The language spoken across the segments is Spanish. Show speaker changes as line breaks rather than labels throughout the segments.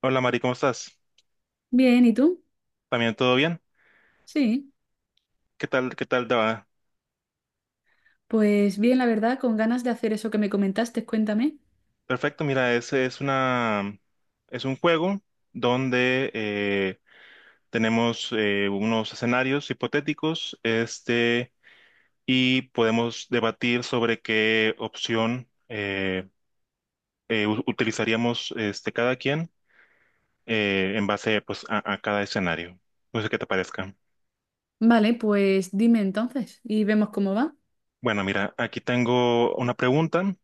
Hola Mari, ¿cómo estás?
Bien, ¿y tú?
¿También todo bien?
Sí,
Qué tal te va?
pues bien, la verdad, con ganas de hacer eso que me comentaste, cuéntame.
Perfecto, mira, ese es una es un juego donde tenemos unos escenarios hipotéticos, este, y podemos debatir sobre qué opción utilizaríamos este, cada quien en base pues, a cada escenario. No sé qué te parezca.
Vale, pues dime entonces y vemos cómo va.
Bueno, mira, aquí tengo una pregunta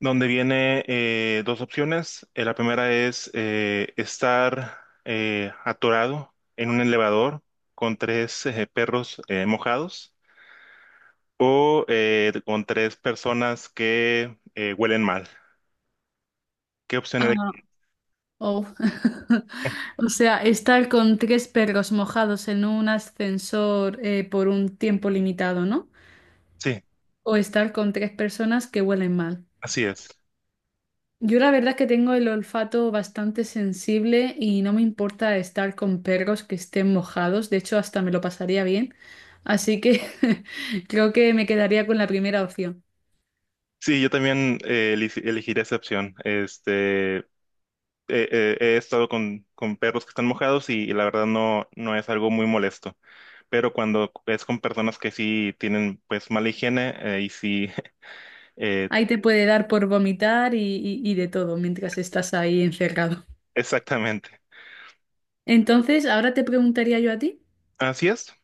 donde viene dos opciones. La primera es estar atorado en un elevador con tres perros mojados o con tres personas que huelen mal. ¿Qué opción eleg-
Ah, oh. O sea, estar con tres perros mojados en un ascensor por un tiempo limitado, ¿no?
Sí,
O estar con tres personas que huelen mal.
así es.
Yo la verdad es que tengo el olfato bastante sensible y no me importa estar con perros que estén mojados, de hecho hasta me lo pasaría bien, así que creo que me quedaría con la primera opción.
Sí, yo también elegiría esa opción. Este, he estado con perros que están mojados y la verdad no, no es algo muy molesto pero cuando es con personas que sí tienen pues mala higiene y sí Eh,
Ahí te puede dar por vomitar y de todo mientras estás ahí encerrado.
exactamente.
Entonces, ahora te preguntaría yo a ti.
Así es.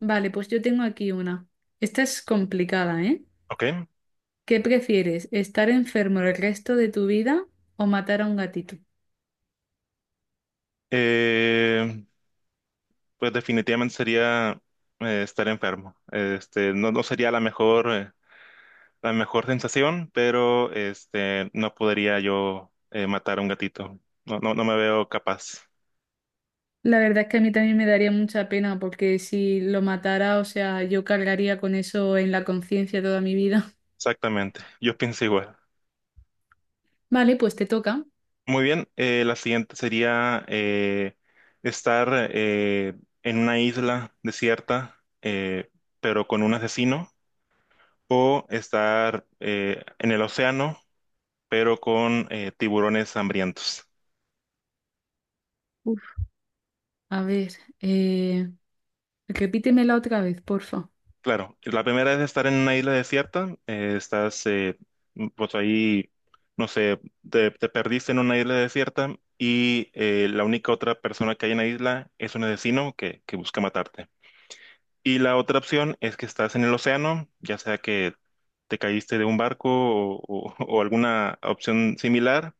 Vale, pues yo tengo aquí una. Esta es complicada, ¿eh?
Ok.
¿Qué prefieres, estar enfermo el resto de tu vida o matar a un gatito?
Eh, pues definitivamente sería estar enfermo. Este, no, no sería la mejor sensación, pero este, no podría yo matar a un gatito. No, no, no me veo capaz.
La verdad es que a mí también me daría mucha pena porque si lo matara, o sea, yo cargaría con eso en la conciencia toda mi vida.
Exactamente. Yo pienso igual.
Vale, pues te toca.
Muy bien. La siguiente sería estar en una isla desierta, pero con un asesino. O estar en el océano, pero con tiburones hambrientos.
Uf, a ver, eh, repítemela otra vez, porfa.
Claro, la primera es estar en una isla desierta, pues ahí, no sé, te perdiste en una isla desierta y la única otra persona que hay en la isla es un asesino que busca matarte. Y la otra opción es que estás en el océano, ya sea que te caíste de un barco o o alguna opción similar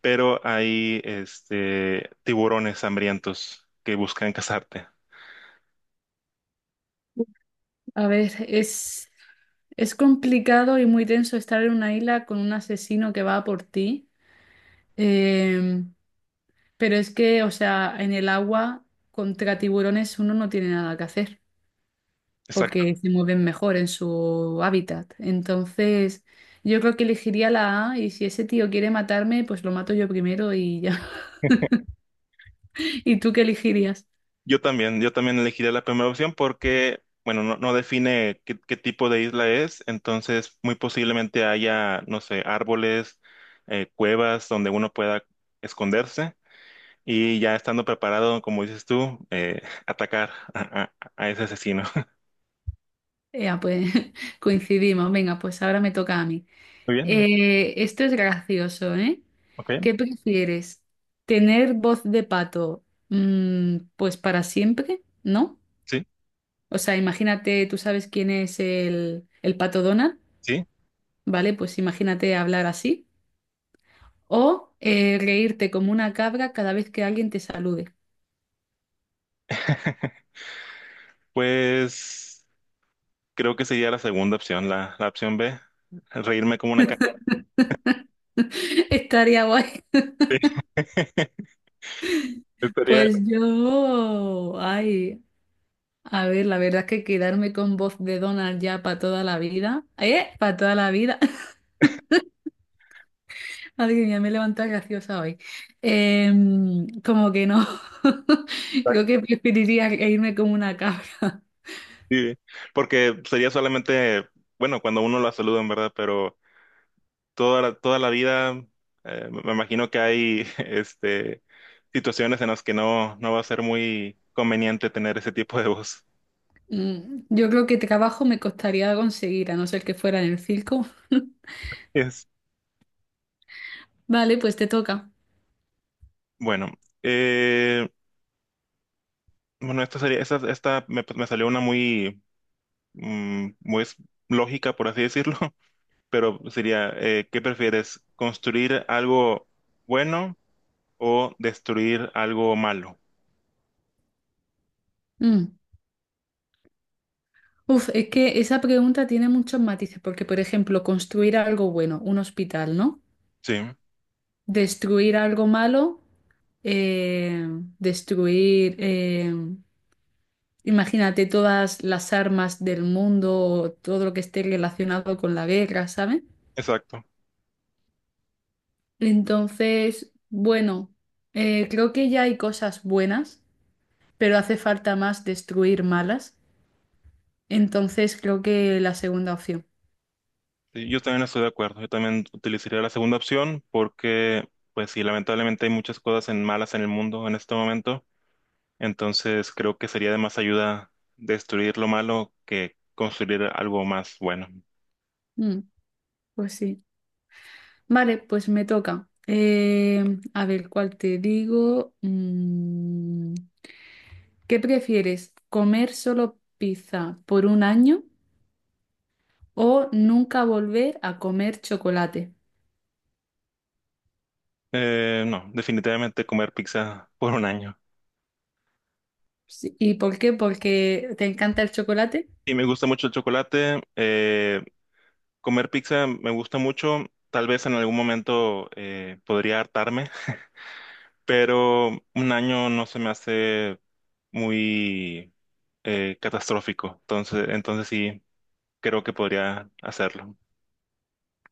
pero hay este, tiburones hambrientos que buscan cazarte.
A ver, es complicado y muy tenso estar en una isla con un asesino que va a por ti, Em, pero es que, o sea, en el agua contra tiburones uno no tiene nada que hacer,
Exacto.
porque se mueven mejor en su hábitat. Entonces, yo creo que elegiría la A y si ese tío quiere matarme, pues lo mato yo primero y ya. ¿Y tú qué elegirías?
Yo también elegiría la primera opción porque, bueno, no, no define qué, qué tipo de isla es, entonces muy posiblemente haya, no sé, árboles, cuevas donde uno pueda esconderse y ya estando preparado, como dices tú, atacar a ese asesino.
Ya, pues coincidimos. Venga, pues ahora me toca a mí.
Muy bien,
Esto es gracioso, ¿eh?
ok,
¿Qué prefieres? ¿Tener voz de pato, pues para siempre? ¿No?
sí,
O sea, imagínate, tú sabes quién es el pato Donald,
sí.
¿vale? Pues imagínate hablar así. O reírte como una cabra cada vez que alguien te salude.
Pues... Creo que sería la segunda opción, la opción B, reírme como una caca.
Estaría guay.
Estaría,
Pues yo, ay, a ver, la verdad es que quedarme con voz de Donald ya para toda la vida, ¿eh? Para toda la vida. Madre mía, me he levantado graciosa hoy. Como que no. Creo que preferiría reírme como una cabra.
sí, porque sería solamente, bueno, cuando uno la saluda, en verdad, pero toda la vida, me imagino que hay, este, situaciones en las que no, no va a ser muy conveniente tener ese tipo de voz.
Yo creo que trabajo me costaría conseguir, a no ser que fuera en el circo.
Es,
Vale, pues te toca.
bueno, eh, bueno, esta me, me salió una muy, mm, muy lógica, por así decirlo. Pero sería, ¿qué prefieres? ¿Construir algo bueno o destruir algo malo?
Mm. Uf, es que esa pregunta tiene muchos matices, porque por ejemplo, construir algo bueno, un hospital, ¿no?
Sí,
Destruir algo malo, eh, destruir, imagínate todas las armas del mundo, o todo lo que esté relacionado con la guerra, ¿sabes?
exacto.
Entonces, bueno, creo que ya hay cosas buenas, pero hace falta más destruir malas. Entonces, creo que la segunda opción.
Sí, yo también estoy de acuerdo. Yo también utilizaría la segunda opción porque, pues sí, lamentablemente hay muchas cosas en malas en el mundo en este momento. Entonces creo que sería de más ayuda destruir lo malo que construir algo más bueno.
Mm, pues sí. Vale, pues me toca. A ver, ¿cuál te digo? ¿Qué prefieres? ¿Comer solo pizza por un año o nunca volver a comer chocolate?
No, definitivamente comer pizza por un año.
Sí, ¿y por qué? Porque te encanta el chocolate.
Y me gusta mucho el chocolate. Comer pizza me gusta mucho. Tal vez en algún momento podría hartarme, pero un año no se me hace muy catastrófico. Entonces, entonces sí, creo que podría hacerlo.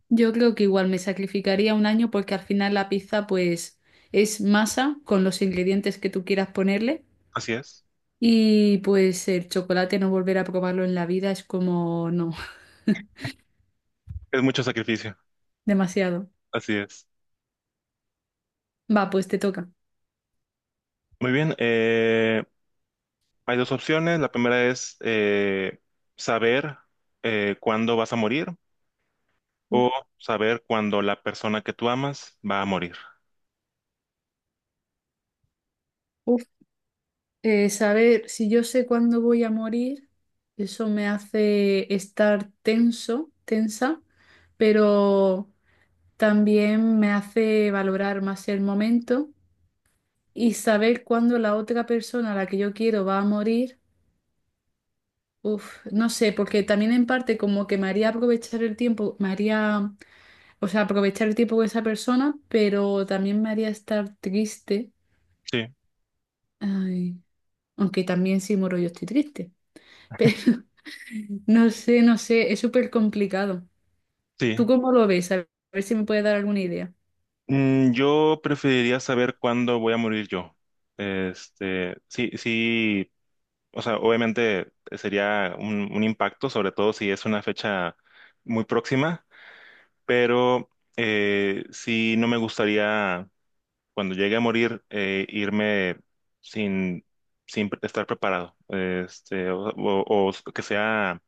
Yo creo que igual me sacrificaría un año porque al final la pizza pues es masa con los ingredientes que tú quieras ponerle
Así es.
y pues el chocolate no volver a probarlo en la vida es como no,
Es mucho sacrificio.
demasiado.
Así es.
Va, pues te toca.
Muy bien. Hay dos opciones. La primera es saber cuándo vas a morir o saber cuándo la persona que tú amas va a morir.
Uf, saber si yo sé cuándo voy a morir, eso me hace estar tenso, tensa, pero también me hace valorar más el momento y saber cuándo la otra persona a la que yo quiero va a morir. Uf, no sé, porque también en parte como que me haría aprovechar el tiempo, me haría, o sea, aprovechar el tiempo con esa persona, pero también me haría estar triste.
Sí,
Ay, aunque también si muero yo estoy triste. Pero no sé, no sé, es súper complicado.
sí.
¿Tú cómo lo ves? A ver si me puedes dar alguna idea.
Mm, yo preferiría saber cuándo voy a morir yo. Este, sí, sí, o sea, obviamente sería un impacto, sobre todo si es una fecha muy próxima, pero sí no me gustaría cuando llegue a morir irme sin, sin estar preparado, este, o o que sea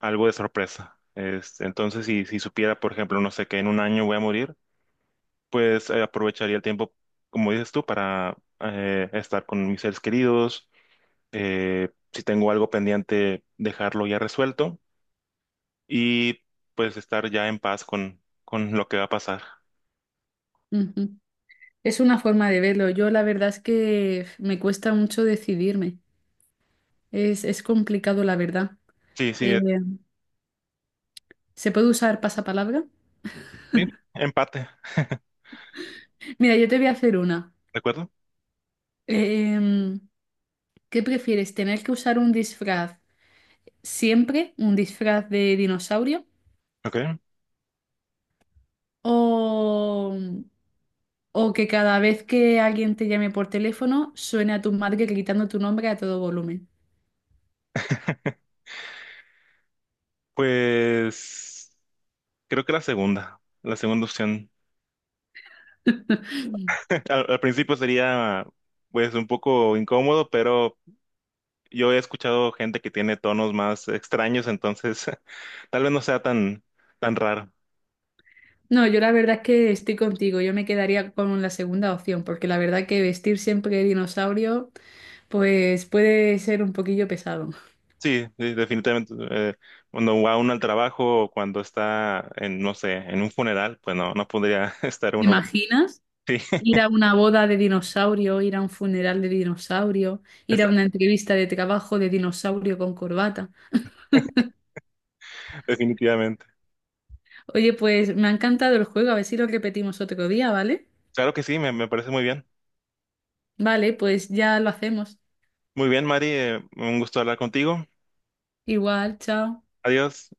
algo de sorpresa. Este, entonces, si supiera, por ejemplo, no sé, que en un año voy a morir pues aprovecharía el tiempo, como dices tú, para estar con mis seres queridos. Si tengo algo pendiente, dejarlo ya resuelto y pues estar ya en paz con lo que va a pasar.
Ujú. Es una forma de verlo. Yo la verdad es que me cuesta mucho decidirme. Es complicado, la verdad.
Sí,
Eh,
sí,
¿Se puede usar pasapalabra?
sí, empate, ¿de
Mira, yo te voy a hacer una.
acuerdo?
Em, ¿Qué prefieres? ¿Tener que usar un disfraz siempre, un disfraz de dinosaurio?
Ok,
O, o que cada vez que alguien te llame por teléfono suene a tu madre gritando tu nombre a todo volumen.
pues creo que la segunda opción. Al principio sería pues un poco incómodo, pero yo he escuchado gente que tiene tonos más extraños, entonces tal vez no sea tan tan raro.
No, yo la verdad es que estoy contigo. Yo me quedaría con la segunda opción, porque la verdad que vestir siempre de dinosaurio, pues puede ser un poquillo pesado.
Sí, sí, definitivamente. Cuando va uno al trabajo o cuando está en, no sé, en un funeral, pues no, no podría estar
¿Te
uno.
imaginas?
Sí,
Ir a una boda de dinosaurio, ir a un funeral de dinosaurio, ir a una entrevista de trabajo de dinosaurio con corbata.
definitivamente.
Oye, pues me ha encantado el juego, a ver si lo repetimos otro día, ¿vale?
Claro que sí, me parece muy bien.
Vale, pues ya lo hacemos.
Muy bien, Mari, un gusto hablar contigo.
Igual, chao.
Adiós.